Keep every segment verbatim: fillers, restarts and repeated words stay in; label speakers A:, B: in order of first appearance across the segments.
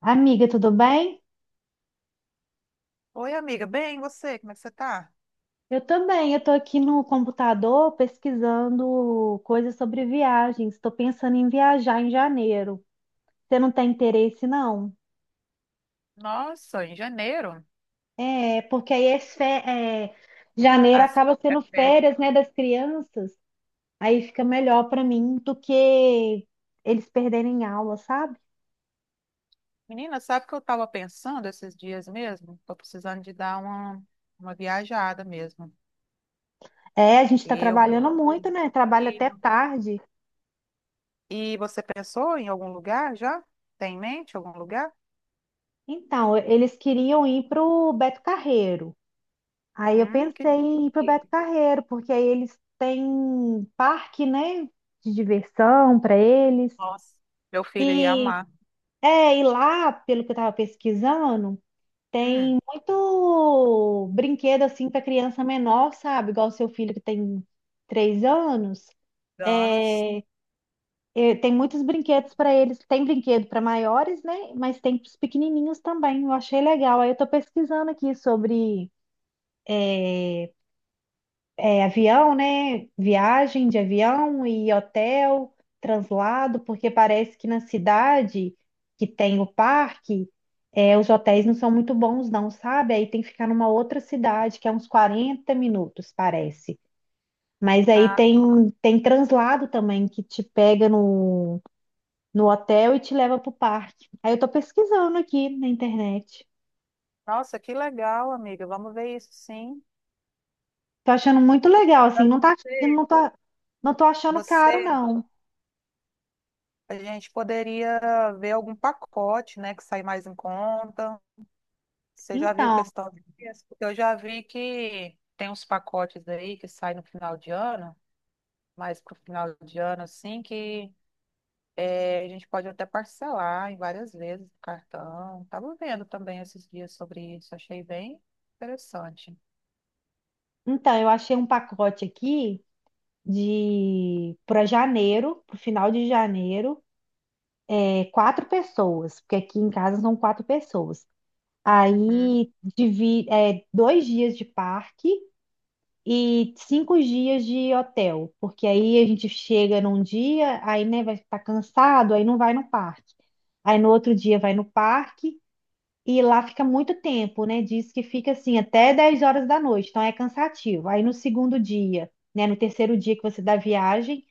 A: Amiga, tudo bem?
B: Oi, amiga. Bem, e você? Como é que você tá?
A: Eu também. Eu tô aqui no computador pesquisando coisas sobre viagens. Estou pensando em viajar em janeiro. Você não tem interesse, não?
B: Nossa, em janeiro,
A: É, porque aí é, fe- é, janeiro
B: as
A: acaba
B: é
A: sendo
B: férias.
A: férias, né, das crianças. Aí fica melhor para mim do que eles perderem aula, sabe?
B: Menina, sabe o que eu estava pensando esses dias mesmo? Tô precisando de dar uma, uma viajada mesmo.
A: É, a gente está
B: Eu,
A: trabalhando muito,
B: Sim.
A: né? Trabalha até
B: Filho.
A: tarde.
B: E você pensou em algum lugar já? Tem em mente algum lugar?
A: Então, eles queriam ir para o Beto Carreiro. Aí eu
B: Hum,
A: pensei
B: que...
A: em ir pro
B: que-
A: Beto Carreiro, porque aí eles têm parque, né, de diversão para eles.
B: Nossa, meu filho ia
A: E
B: amar.
A: é, e lá, pelo que eu tava pesquisando,
B: Hum,
A: tem muito brinquedo assim para criança menor, sabe? Igual o seu filho que tem três anos.
B: Danos.
A: É, é, tem muitos brinquedos para eles. Tem brinquedo para maiores, né? Mas tem para os pequenininhos também. Eu achei legal. Aí eu tô pesquisando aqui sobre é avião, né? Viagem de avião e hotel, translado, porque parece que na cidade que tem o parque, é, os hotéis não são muito bons, não, sabe? Aí tem que ficar numa outra cidade, que é uns quarenta minutos, parece. Mas aí
B: Ah,
A: tem, tem translado também, que te pega no, no hotel e te leva pro parque. Aí eu tô pesquisando aqui na internet.
B: nossa, que legal, amiga. Vamos ver isso, sim.
A: Tô achando muito legal,
B: Pra
A: assim, não tá, não tá, não tô achando caro,
B: Você,
A: não.
B: A gente poderia ver algum pacote, né, que sai mais em conta. Você já viu
A: Então,
B: questão de preço? Porque eu já vi que tem uns pacotes aí que saem no final de ano, mas pro final de ano, assim, que eh, a gente pode até parcelar em várias vezes no cartão. Estava vendo também esses dias sobre isso, achei bem interessante.
A: então, eu achei um pacote aqui de para janeiro, para o final de janeiro, é quatro pessoas, porque aqui em casa são quatro pessoas.
B: Uhum.
A: Aí divi, é, dois dias de parque e cinco dias de hotel, porque aí a gente chega num dia, aí né, vai estar cansado, aí não vai no parque. Aí no outro dia vai no parque e lá fica muito tempo, né? Diz que fica assim até dez horas da noite, então é cansativo. Aí no segundo dia, né? No terceiro dia que você dá viagem,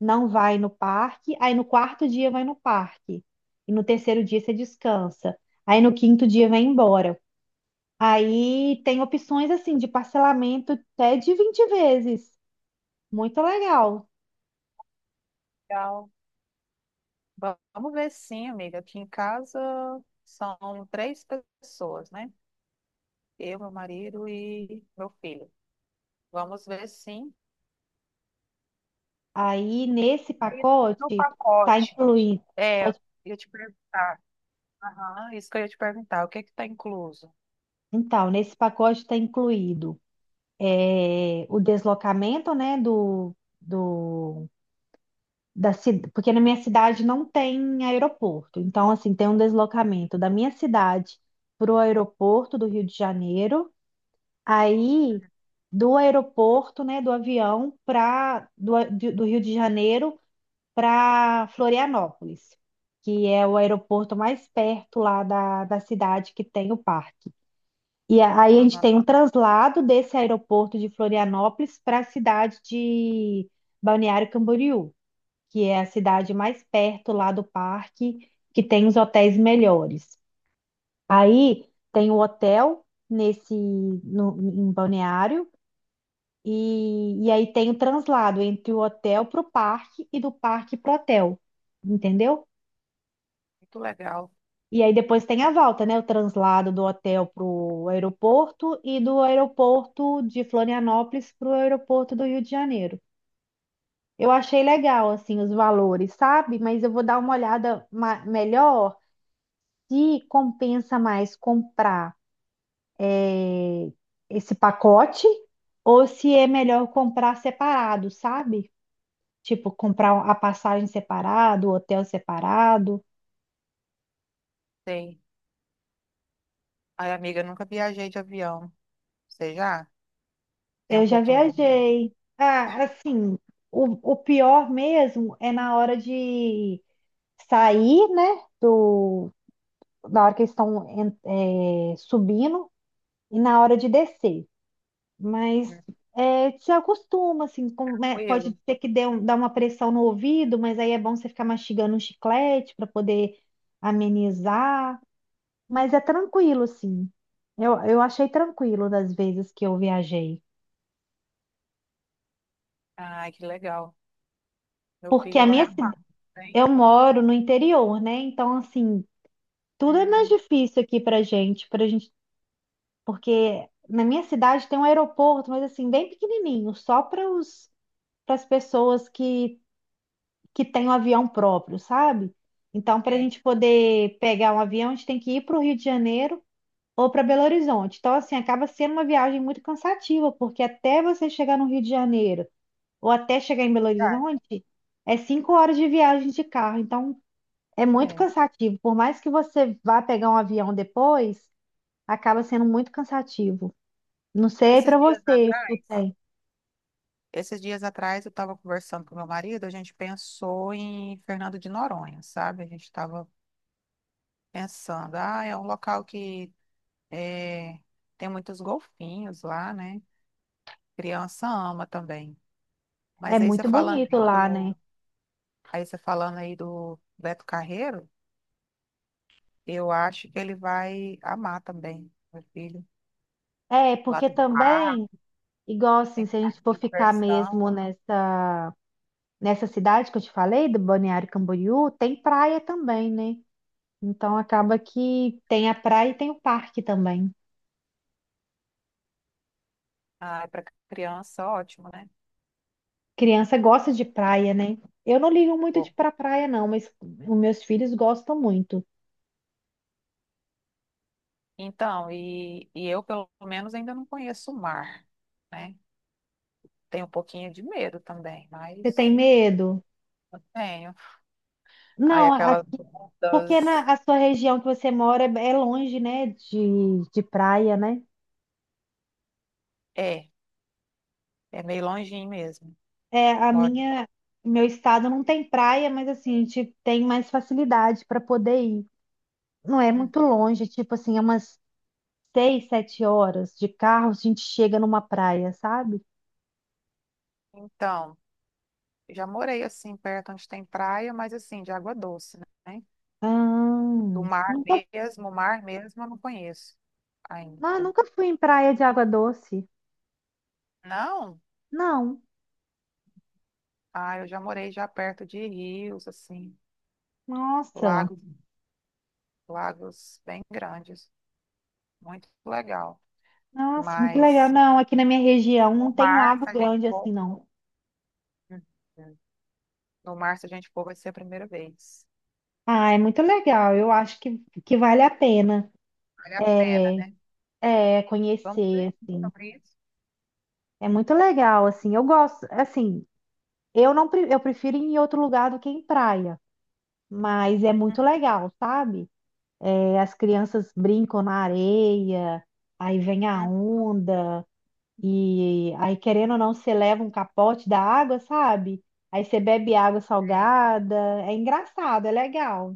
A: não vai no parque. Aí no quarto dia vai no parque. E no terceiro dia você descansa. Aí no quinto dia vai embora. Aí tem opções assim de parcelamento até de vinte vezes. Muito legal.
B: Legal. Va- Vamos ver sim, amiga. Aqui em casa são três pessoas, né? Eu, meu marido e meu filho. Vamos ver, sim.
A: Aí nesse
B: Aí, no
A: pacote tá
B: pacote,
A: incluído.
B: é, eu ia te perguntar. Aham, isso que eu ia te perguntar. O que é que tá incluso?
A: Então, nesse pacote está incluído é, o deslocamento, né, do, do, da cidade, porque na minha cidade não tem aeroporto. Então, assim, tem um deslocamento da minha cidade para o aeroporto do Rio de Janeiro, aí do aeroporto, né, do avião para do, a- de- do Rio de Janeiro para Florianópolis, que é o aeroporto mais perto lá da, da cidade que tem o parque. E a- aí a gente
B: Aham,
A: tem um translado desse aeroporto de Florianópolis para a cidade de Balneário Camboriú, que é a cidade mais perto lá do parque, que tem os hotéis melhores. Aí tem o hotel nesse no- em Balneário e, e aí tem o translado entre o hotel para o parque e do parque para o hotel, entendeu?
B: muito legal.
A: E aí depois tem a volta, né? O translado do hotel pro aeroporto e do aeroporto de Florianópolis pro aeroporto do Rio de Janeiro. Eu achei legal, assim, os valores, sabe? Mas eu vou dar uma olhada ma- melhor se compensa mais comprar eh, esse pacote ou se é melhor comprar separado, sabe? Tipo, comprar a passagem separado, o hotel separado.
B: Sei. Ai, amiga, eu nunca viajei de avião. Você já? Tem um
A: Eu já
B: pouquinho de medo.
A: viajei. Ah, assim, o, o pior mesmo é na hora de sair, né? Do, Na hora que eles estão en- é, subindo e na hora de descer. Mas é, se acostuma, assim, com- né, pode
B: Tranquilo.
A: ser que dê um, dá uma pressão no ouvido, mas aí é bom você ficar mastigando um chiclete para poder amenizar. Mas é tranquilo, assim. Eu, eu achei tranquilo das vezes que eu viajei.
B: Ai, que legal. Meu
A: Porque
B: filho
A: a
B: vai
A: minha...
B: amar. Tem.
A: Eu moro no interior, né? Então, assim, tudo é mais difícil aqui pra gente, pra gente, porque na minha cidade tem um aeroporto, mas assim, bem pequenininho, só para os para as pessoas que que têm um avião próprio, sabe? Então, para a
B: É
A: gente poder pegar um avião, a gente tem que ir para o Rio de Janeiro ou para Belo Horizonte. Então, assim, acaba sendo uma viagem muito cansativa, porque até você chegar no Rio de Janeiro ou até chegar em Belo
B: verdade.
A: Horizonte, é cinco horas de viagem de carro. Então, é muito
B: É.
A: cansativo. Por mais que você vá pegar um avião depois, acaba sendo muito cansativo. Não sei
B: Esses
A: para
B: Dias
A: vocês que
B: atrás,
A: tem.
B: Esses dias atrás eu estava conversando com meu marido, a gente pensou em Fernando de Noronha, sabe? A gente estava pensando, ah, é um local que eh, tem muitos golfinhos lá, né? Criança ama também.
A: É
B: Mas aí você
A: muito
B: falando
A: bonito
B: aí
A: lá, né?
B: do, aí você falando aí do Beto Carreiro, eu acho que ele vai amar também, meu filho.
A: É,
B: Lá
A: porque
B: tem
A: também,
B: parque,
A: igual assim,
B: tem
A: se a gente
B: parque
A: for
B: de
A: ficar
B: diversão.
A: mesmo nessa, nessa cidade que eu te falei, do Balneário Camboriú, tem praia também, né? Então acaba que tem a praia e tem o parque também.
B: Ah, para criança, ótimo, né?
A: Criança gosta de praia, né? Eu não ligo muito de
B: Bom,
A: ir pra praia, não, mas os meus filhos gostam muito.
B: então, e, e eu, pelo menos, ainda não conheço o mar, né? Tenho um pouquinho de medo também,
A: Você tem
B: mas
A: medo?
B: eu tenho. Aí,
A: Não,
B: aquelas
A: porque
B: ondas.
A: na a sua região que você mora é é longe, né, de, de praia, né?
B: É, é meio longinho mesmo.
A: É, a
B: Moro.
A: minha, meu estado não tem praia, mas assim, a gente tem mais facilidade para poder ir. Não é muito
B: Uhum.
A: longe, tipo assim, é umas seis, sete horas de carro, a gente chega numa praia, sabe?
B: Então, já morei assim, perto onde tem praia, mas assim, de água doce, né? Do
A: Ah,
B: mar
A: nunca,
B: mesmo, o mar mesmo, eu não conheço ainda.
A: ah, nunca fui em praia de água doce.
B: Não?
A: Não,
B: Ah, eu já morei já perto de rios, assim,
A: nossa,
B: lago lagos bem grandes, muito legal.
A: nossa, muito legal.
B: Mas
A: Não, aqui na minha região não
B: no
A: tem
B: mar,
A: lago
B: se a gente
A: grande assim,
B: for,
A: não.
B: Uhum. no mar, se a gente for, vai ser a primeira vez.
A: Ah, é muito legal. Eu acho que, que vale a pena
B: Vale a pena, né?
A: é, é,
B: Vamos
A: conhecer,
B: pesquisar
A: assim.
B: sobre isso.
A: É muito legal, assim. Eu gosto, assim, eu não, pre- eu prefiro ir em outro lugar do que em praia, mas é
B: Uhum.
A: muito legal, sabe? É, as crianças brincam na areia, aí vem a
B: Uhum.
A: onda, e aí, querendo ou não, você leva um capote da água, sabe? Aí você bebe água
B: Sei.
A: salgada. É engraçado, é legal.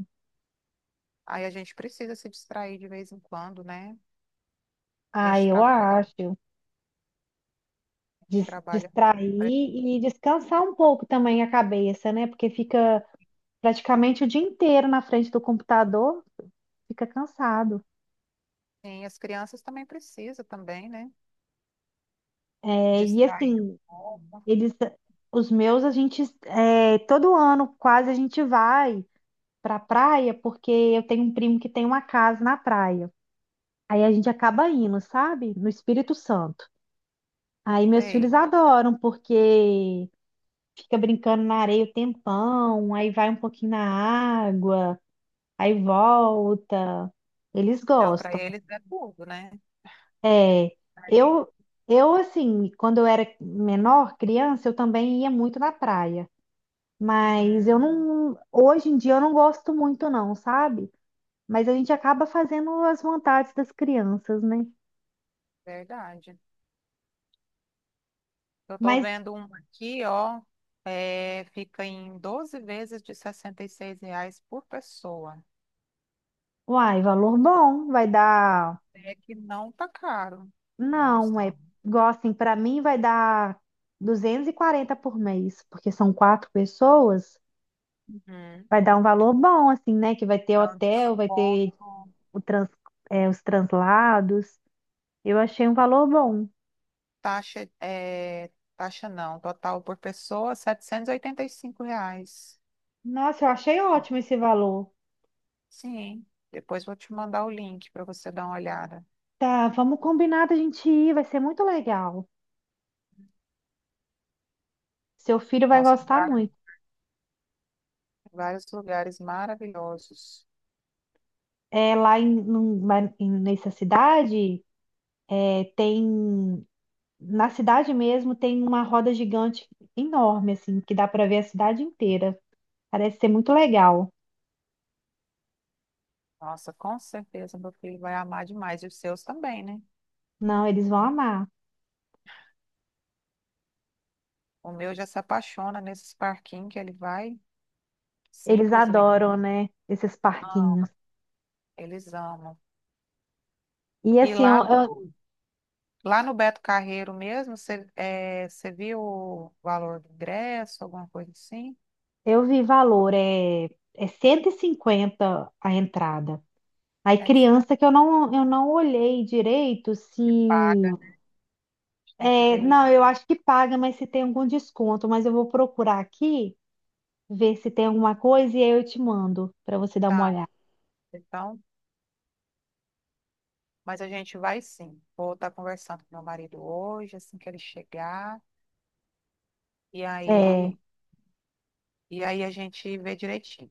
B: Aí a gente precisa se distrair de vez em quando, né? A
A: Ah,
B: gente
A: eu
B: trabalha,
A: acho.
B: a gente
A: Des-
B: trabalha.
A: distrair e descansar um pouco também a cabeça, né? Porque fica praticamente o dia inteiro na frente do computador, fica cansado.
B: Sim, as crianças também precisam também, né?
A: É, e
B: Distrair um
A: assim,
B: pouco.
A: eles, os meus, a gente, é, todo ano quase a gente vai pra praia, porque eu tenho um primo que tem uma casa na praia. Aí a gente acaba indo, sabe? No Espírito Santo. Aí meus filhos
B: Sei.
A: adoram, porque fica brincando na areia o tempão, aí vai um pouquinho na água, aí volta. Eles
B: Não, para
A: gostam.
B: eles é tudo, né?
A: É, eu, eu assim, quando eu era menor, criança, eu também ia muito na praia. Mas
B: Uhum,
A: eu não, hoje em dia eu não gosto muito não, sabe? Mas a gente acaba fazendo as vontades das crianças, né?
B: verdade. Eu tô
A: Mas,
B: vendo uma aqui, ó, é, fica em doze vezes de sessenta e seis reais por pessoa.
A: uai, valor bom, vai dar,
B: É que não tá caro. Não
A: não,
B: está.
A: é, igual assim, para mim vai dar duzentos e quarenta por mês, porque são quatro pessoas,
B: Uhum.
A: vai dar um valor bom assim, né? Que vai ter
B: É um
A: hotel, vai
B: desconto.
A: ter o trans, é, os translados. Eu achei um valor bom.
B: Taxa, é, taxa não, total por pessoa, setecentos e oitenta e cinco reais.
A: Nossa, eu achei ótimo esse valor.
B: Sim, depois vou te mandar o link para você dar uma olhada.
A: Tá, vamos combinar da gente ir, vai ser muito legal. Seu filho vai
B: Nossa, tem
A: gostar
B: vários
A: muito.
B: vários lugares maravilhosos.
A: É, lá em, num- lá em- Nessa cidade, é, tem. Na cidade mesmo tem uma roda gigante enorme, assim, que dá para ver a cidade inteira. Parece ser muito legal.
B: Nossa, com certeza meu filho vai amar demais. E os seus também, né?
A: Não, eles vão amar.
B: O meu já se apaixona nesses parquinhos que ele vai,
A: Eles
B: simplesmente.
A: adoram, né? Esses
B: Não,
A: parquinhos.
B: eles amam.
A: E
B: E
A: assim, eu,
B: lá,
A: eu
B: lá no Beto Carreiro mesmo, você eh, você viu o valor do ingresso, alguma coisa assim?
A: Eu vi valor, é, é cento e cinquenta a entrada. Aí
B: É, se
A: criança que eu não, eu não olhei direito se...
B: Paga, a gente tem que ver
A: É,
B: aí.
A: não, eu acho que paga, mas se tem algum desconto. Mas eu vou procurar aqui, ver se tem alguma coisa e aí eu te mando para você dar uma
B: Tá,
A: olhada.
B: então, mas a gente vai sim. Vou estar conversando com meu marido hoje, assim que ele chegar, e
A: É,
B: aí, e aí a gente vê direitinho,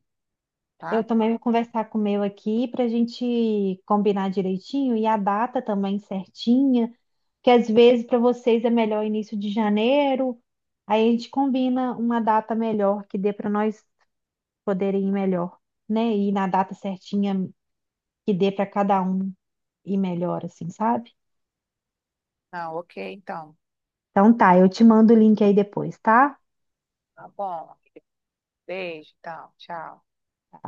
A: eu
B: tá?
A: também vou conversar com o meu aqui para a gente combinar direitinho e a data também certinha, que às vezes para vocês é melhor início de janeiro, aí a gente combina uma data melhor que dê para nós poderem ir melhor, né? E na data certinha que dê para cada um ir melhor, assim, sabe?
B: Não, ok, então.
A: Então tá, eu te mando o link aí depois, tá?
B: Tá bom. Beijo, então. Tchau.